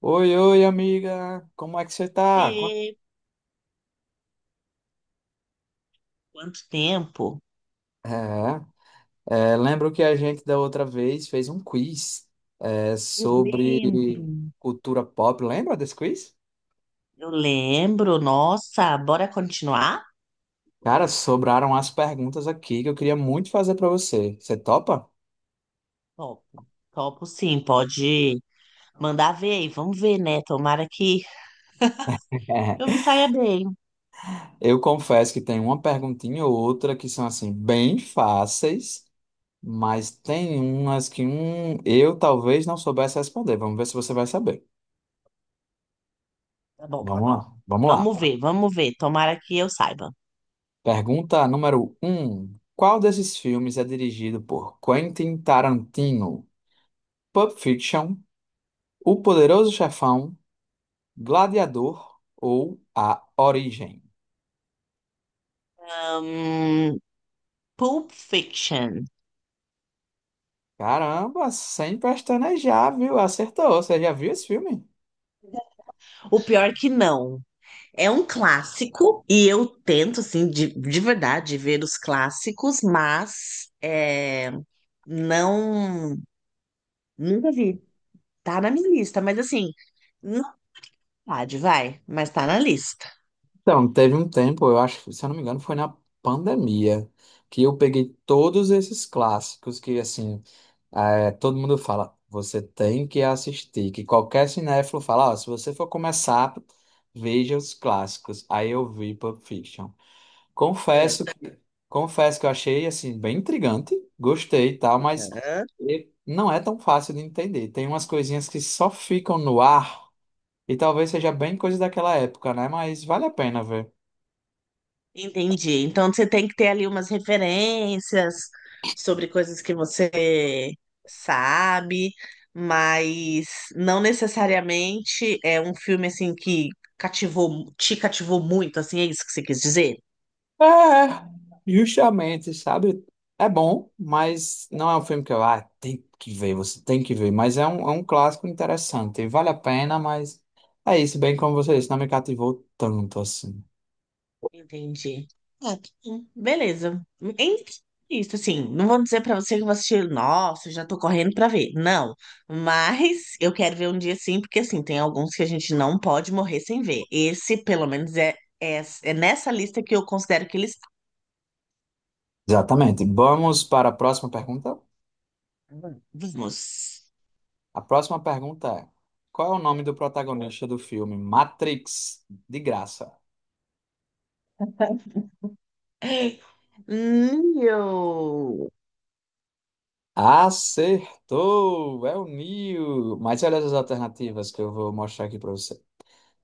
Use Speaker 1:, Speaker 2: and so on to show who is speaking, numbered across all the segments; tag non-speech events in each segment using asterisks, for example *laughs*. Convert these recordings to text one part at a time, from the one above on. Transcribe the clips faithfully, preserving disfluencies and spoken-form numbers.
Speaker 1: Oi, oi, amiga. Como é que você tá? Qua-
Speaker 2: Oiê, quanto tempo?
Speaker 1: É, é, lembro que a gente da outra vez fez um quiz, é,
Speaker 2: Eu
Speaker 1: sobre
Speaker 2: lembro.
Speaker 1: cultura pop. Lembra desse quiz?
Speaker 2: Eu lembro, nossa, bora continuar?
Speaker 1: Cara, sobraram as perguntas aqui que eu queria muito fazer pra você. Você topa?
Speaker 2: Topo, topo sim, pode mandar ver aí, vamos ver, né? Tomara que eu me
Speaker 1: *laughs*
Speaker 2: saia bem.
Speaker 1: Eu confesso que tem uma perguntinha ou outra que são assim bem fáceis, mas tem umas que hum, eu talvez não soubesse responder. Vamos ver se você vai saber.
Speaker 2: Tá bom,
Speaker 1: Vamos lá, vamos
Speaker 2: vamos
Speaker 1: lá.
Speaker 2: ver, vamos ver, tomara que eu saiba.
Speaker 1: Pergunta número um: qual desses filmes é dirigido por Quentin Tarantino? Pulp Fiction, O Poderoso Chefão, Gladiador ou A Origem?
Speaker 2: Hum, Pulp Fiction.
Speaker 1: Caramba, sem pestanejar, viu? Acertou. Você já viu esse filme?
Speaker 2: O pior que não. É um clássico e eu tento, assim, de, de verdade, ver os clássicos, mas é, não. Nunca vi. Tá na minha lista, mas assim, não pode, vai, mas tá na lista.
Speaker 1: Então, teve um tempo, eu acho, que, se eu não me engano, foi na pandemia, que eu peguei todos esses clássicos que, assim, é, todo mundo fala, você tem que assistir, que qualquer cinéfilo fala, ó, se você for começar, veja os clássicos. Aí eu vi Pulp Fiction.
Speaker 2: Ah,
Speaker 1: Confesso, confesso que eu achei, assim, bem intrigante, gostei e tal, mas
Speaker 2: aham.
Speaker 1: e- não é tão fácil de entender. Tem umas coisinhas que só ficam no ar, e talvez seja bem coisa daquela época, né? Mas vale a pena ver.
Speaker 2: Entendi. Então você tem que ter ali umas referências sobre coisas que você sabe, mas não necessariamente é um filme assim que cativou, te cativou muito, assim, é isso que você quis dizer?
Speaker 1: É, justamente, sabe? É bom, mas não é um filme que eu, ah, tem que ver, você tem que ver. Mas é um, é um clássico interessante, vale a pena, mas é isso, bem como você disse, não me cativou tanto assim.
Speaker 2: Entendi. Ah, tá bom, beleza. Em- Isso, assim, não vou dizer pra você que eu vou assistir, nossa, já tô correndo pra ver. Não, mas eu quero ver um dia sim, porque assim, tem alguns que a gente não pode morrer sem ver. Esse, pelo menos, é, é, é nessa lista que eu considero que eles.
Speaker 1: Exatamente. Vamos para a próxima pergunta?
Speaker 2: Vamos.
Speaker 1: A próxima pergunta é: qual é o nome do protagonista do filme Matrix? De graça.
Speaker 2: Neo.
Speaker 1: Acertou! É o Neo! Mas olha as alternativas que eu vou mostrar aqui para você.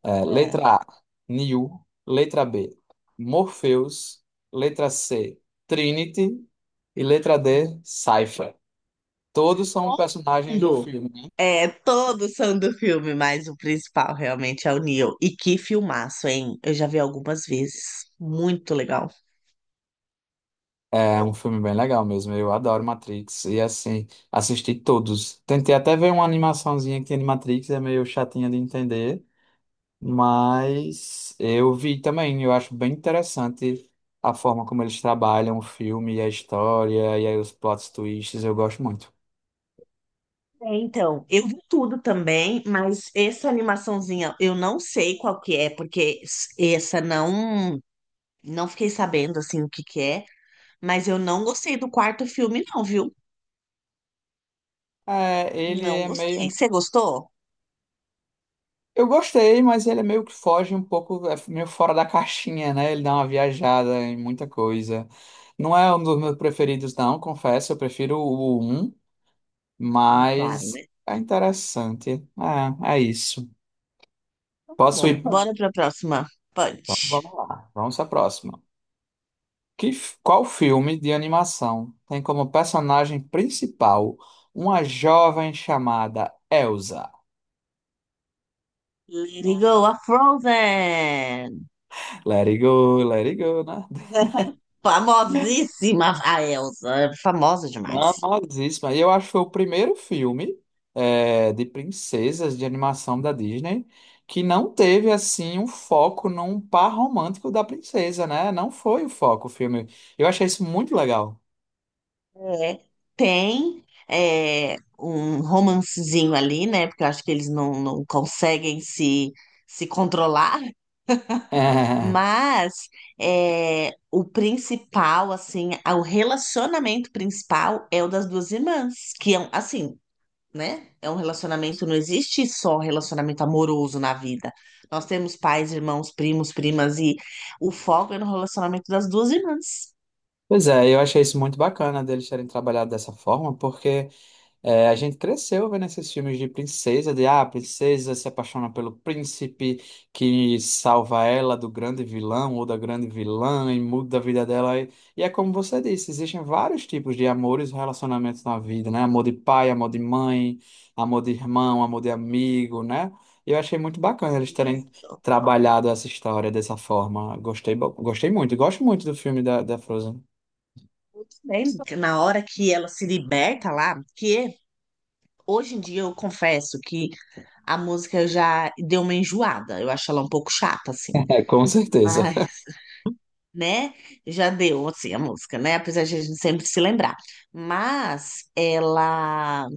Speaker 1: É,
Speaker 2: É,
Speaker 1: letra á, Neo. Letra bê, Morpheus. Letra cê, Trinity. E letra dê, Cypher. Todos são personagens do
Speaker 2: mundo.
Speaker 1: filme.
Speaker 2: É, todos são do filme, mas o principal realmente é o Neo. E que filmaço, hein? Eu já vi algumas vezes. Muito legal.
Speaker 1: É um filme bem legal mesmo. Eu adoro Matrix. E assim, assisti todos. Tentei até ver uma animaçãozinha que tem de Matrix é meio chatinha de entender. Mas eu vi também, eu acho bem interessante a forma como eles trabalham o filme e a história, e aí os plot twists, eu gosto muito.
Speaker 2: É, então, eu vi tudo também, mas essa animaçãozinha eu não sei qual que é, porque s- essa não não fiquei sabendo assim o que que é, mas eu não gostei do quarto filme não, viu?
Speaker 1: É, ele
Speaker 2: Não
Speaker 1: é
Speaker 2: gostei.
Speaker 1: meio.
Speaker 2: Você gostou?
Speaker 1: Eu gostei, mas ele é meio que foge um pouco, é meio fora da caixinha, né? Ele dá uma viajada em muita coisa. Não é um dos meus preferidos, não, confesso. Eu prefiro o um.
Speaker 2: Ah, claro,
Speaker 1: Mas
Speaker 2: né?
Speaker 1: é interessante. É, é isso. Posso
Speaker 2: Bom,
Speaker 1: ir?
Speaker 2: bora para a próxima.
Speaker 1: Então, vamos
Speaker 2: Punch.
Speaker 1: lá. Vamos à próxima. Que, f- qual filme de animação tem como personagem principal uma jovem chamada Elsa?
Speaker 2: Let it go, a Frozen.
Speaker 1: Let it go, let it go, né?
Speaker 2: *laughs* Famosíssima a Elsa, é famosa demais.
Speaker 1: Famosíssima. E eu acho que foi o primeiro filme é, de princesas de animação da Disney que não teve, assim, um foco num par romântico da princesa, né? Não foi o foco o filme. Eu achei isso muito legal.
Speaker 2: É. Tem é, um romancezinho ali, né? Porque eu acho que eles não, não conseguem se, se controlar,
Speaker 1: É,
Speaker 2: mas é, o principal, assim, a- o relacionamento principal é o das duas irmãs, que é, um- assim, né? É um relacionamento, não existe só relacionamento amoroso na vida. Nós temos pais, irmãos, primos, primas, e o foco é no relacionamento das duas irmãs.
Speaker 1: pois é, eu achei isso muito bacana deles terem trabalhado dessa forma, porque É, a gente cresceu vendo esses filmes de princesa, de ah, a princesa se apaixona pelo príncipe que salva ela do grande vilão ou da grande vilã e muda a vida dela. E, e é como você disse, existem vários tipos de amores e relacionamentos na vida, né? Amor de pai, amor de mãe, amor de irmão, amor de amigo, né? E eu achei muito bacana eles
Speaker 2: E
Speaker 1: terem trabalhado essa história dessa forma. Gostei, bo- gostei muito, gosto muito do filme da, da Frozen.
Speaker 2: muito bem,
Speaker 1: *laughs*
Speaker 2: na hora que ela se liberta lá, que hoje em dia eu confesso que a música já deu uma enjoada, eu acho ela um pouco chata, assim,
Speaker 1: É, com certeza.
Speaker 2: mas, *laughs* né? Já deu, assim, a música, né? Apesar de a gente sempre se lembrar. Mas ela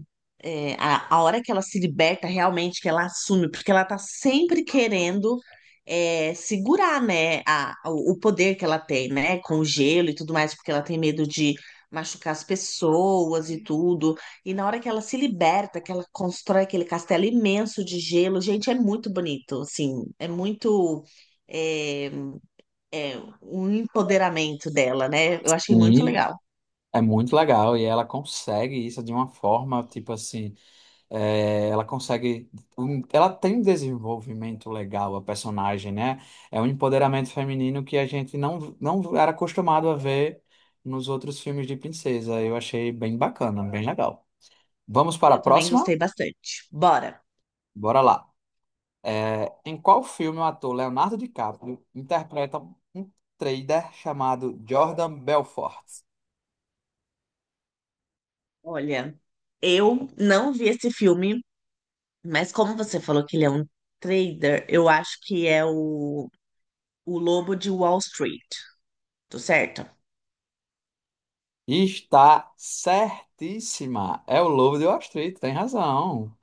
Speaker 2: é, a, a hora que ela se liberta realmente, que ela assume, porque ela tá sempre querendo é, segurar, né, a, o o poder que ela tem, né, com o gelo e tudo mais, porque ela tem medo de machucar as pessoas e tudo. E na hora que ela se liberta, que ela constrói aquele castelo imenso de gelo, gente, é muito bonito, assim, é muito é, é, um empoderamento dela, né? Eu achei muito legal.
Speaker 1: É muito legal e ela consegue isso de uma forma, tipo assim, é, ela consegue, um- ela tem um desenvolvimento legal, a personagem, né? É um empoderamento feminino que a gente não, não era acostumado a ver nos outros filmes de princesa. Eu achei bem bacana, bem legal. Vamos para a
Speaker 2: Eu também
Speaker 1: próxima?
Speaker 2: gostei bastante. Bora.
Speaker 1: Bora lá. É, em qual filme o ator Leonardo DiCaprio interpreta um trader chamado Jordan Belfort?
Speaker 2: Olha, eu não vi esse filme, mas como você falou que ele é um trader, eu acho que é o, o Lobo de Wall Street, tô certo?
Speaker 1: E está certíssima. É o Lobo de Wall Street, tem razão.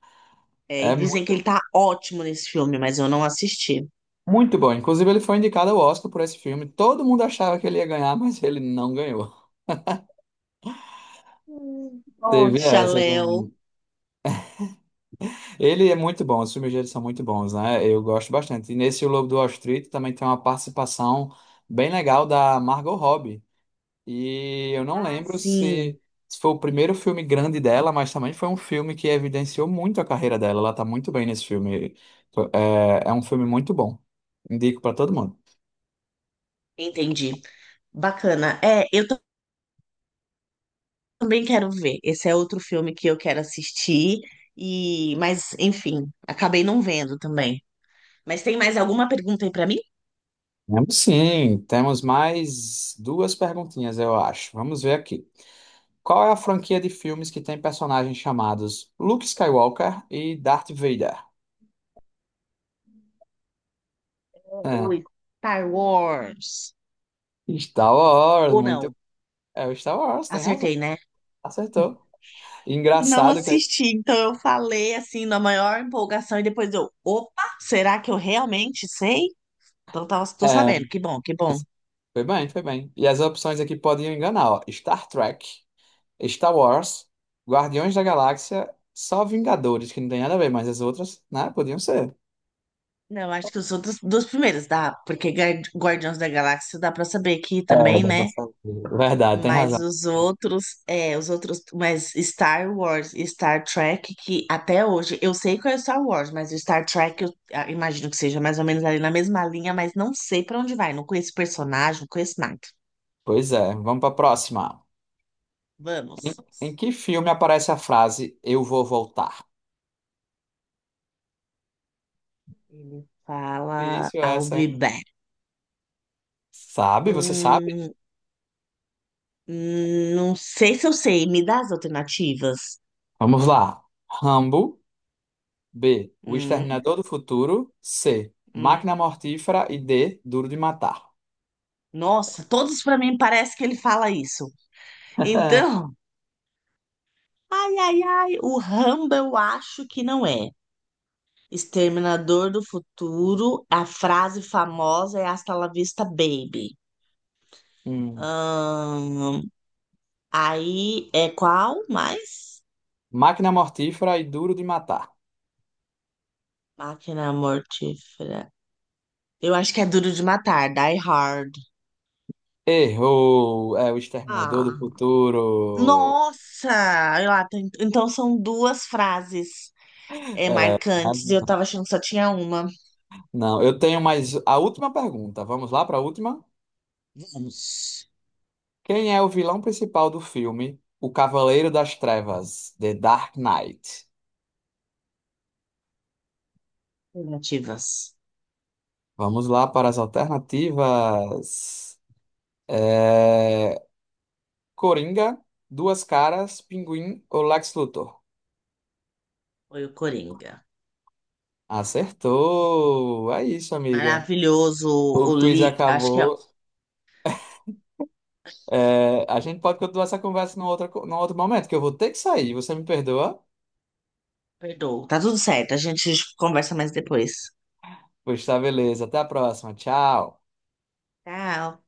Speaker 2: É,
Speaker 1: É
Speaker 2: e dizem que
Speaker 1: muito,
Speaker 2: ele tá ótimo nesse filme, mas eu não assisti.
Speaker 1: muito bom. Inclusive, ele foi indicado ao Oscar por esse filme. Todo mundo achava que ele ia ganhar, mas ele não ganhou.
Speaker 2: Hum,
Speaker 1: *laughs* Teve
Speaker 2: Poxa,
Speaker 1: essa
Speaker 2: Léo.
Speaker 1: também. Ele é muito bom, os filmes dele são muito bons, né? Eu gosto bastante. E nesse O Lobo de Wall Street também tem uma participação bem legal da Margot Robbie. E eu não
Speaker 2: Ah,
Speaker 1: lembro
Speaker 2: sim,
Speaker 1: se, se foi o primeiro filme grande dela, mas também foi um filme que evidenciou muito a carreira dela. Ela tá muito bem nesse filme. É, é um filme muito bom. Indico para todo mundo.
Speaker 2: entendi. Bacana. É, eu ta- também quero ver. Esse é outro filme que eu quero assistir, e, mas enfim, acabei não vendo também. Mas tem mais alguma pergunta aí pra mim?
Speaker 1: Vamos sim, temos mais duas perguntinhas, eu acho. Vamos ver aqui. Qual é a franquia de filmes que tem personagens chamados Luke Skywalker e Darth Vader? É,
Speaker 2: O Star Wars.
Speaker 1: Star Wars,
Speaker 2: Ou
Speaker 1: muito.
Speaker 2: não?
Speaker 1: É o Star Wars, tem razão.
Speaker 2: Acertei, né?
Speaker 1: Acertou.
Speaker 2: Não
Speaker 1: Engraçado que
Speaker 2: assisti, então eu falei assim na maior empolgação e depois eu, opa, será que eu realmente sei? Então tava, tô
Speaker 1: é.
Speaker 2: sabendo, que bom, que bom.
Speaker 1: Foi bem, foi bem. E as opções aqui podiam enganar, ó. Star Trek, Star Wars, Guardiões da Galáxia, só Vingadores, que não tem nada a ver, mas as outras, né, podiam ser.
Speaker 2: Não, acho que eu sou dos, dos primeiros, dá, porque Guar- Guardiões da Galáxia dá pra saber que
Speaker 1: É,
Speaker 2: também,
Speaker 1: dá pra
Speaker 2: né?
Speaker 1: saber. Verdade, tem
Speaker 2: Mas
Speaker 1: razão.
Speaker 2: os outros, é, os outros, mas Star Wars e Star Trek, que até hoje, eu sei qual é o Star Wars, mas o Star Trek eu ah, imagino que seja mais ou menos ali na mesma linha, mas não sei pra onde vai, não conheço personagem, não conheço nada.
Speaker 1: Pois é, vamos para a próxima. Em,
Speaker 2: Vamos.
Speaker 1: em que filme aparece a frase Eu vou voltar?
Speaker 2: Ele fala
Speaker 1: Difícil
Speaker 2: I'll
Speaker 1: essa,
Speaker 2: be
Speaker 1: hein?
Speaker 2: back.
Speaker 1: Sabe? Você sabe?
Speaker 2: Hum, hum, não sei se eu sei, me dá as alternativas.
Speaker 1: Vamos lá. Rambo, bê. O
Speaker 2: Hum,
Speaker 1: Exterminador do Futuro, cê.
Speaker 2: hum.
Speaker 1: Máquina Mortífera e dê. Duro de Matar.
Speaker 2: Nossa, todos pra mim parece que ele fala isso. Então, ai, ai, ai, o Rambo eu acho que não é. Exterminador do Futuro, a frase famosa é Hasta la vista, baby.
Speaker 1: *laughs*
Speaker 2: Ahn, aí é qual mais?
Speaker 1: Máquina Mortífera e Duro de Matar.
Speaker 2: Máquina Mortífera. Eu acho que é Duro de Matar, Die Hard.
Speaker 1: Errou! É o Exterminador do
Speaker 2: Ah,
Speaker 1: Futuro.
Speaker 2: nossa! Eu, ah, tem- então são duas frases é,
Speaker 1: É, mas
Speaker 2: marcantes e eu tava achando que só tinha uma.
Speaker 1: não, eu tenho mais a última pergunta. Vamos lá para a última?
Speaker 2: Vamos.
Speaker 1: Quem é o vilão principal do filme O Cavaleiro das Trevas, The Dark Knight?
Speaker 2: Alternativas.
Speaker 1: Vamos lá para as alternativas. É, Coringa, Duas Caras, Pinguim ou Lex Luthor?
Speaker 2: Foi o Coringa.
Speaker 1: Acertou! É isso, amiga.
Speaker 2: Maravilhoso.
Speaker 1: O
Speaker 2: O
Speaker 1: quiz
Speaker 2: li... Acho que é
Speaker 1: acabou. É, a gente pode continuar essa conversa num outro, num outro momento, que eu vou ter que sair. Você me perdoa?
Speaker 2: perdoa. Tá tudo certo. A gente conversa mais depois.
Speaker 1: Pois tá, beleza. Até a próxima. Tchau.
Speaker 2: Tchau.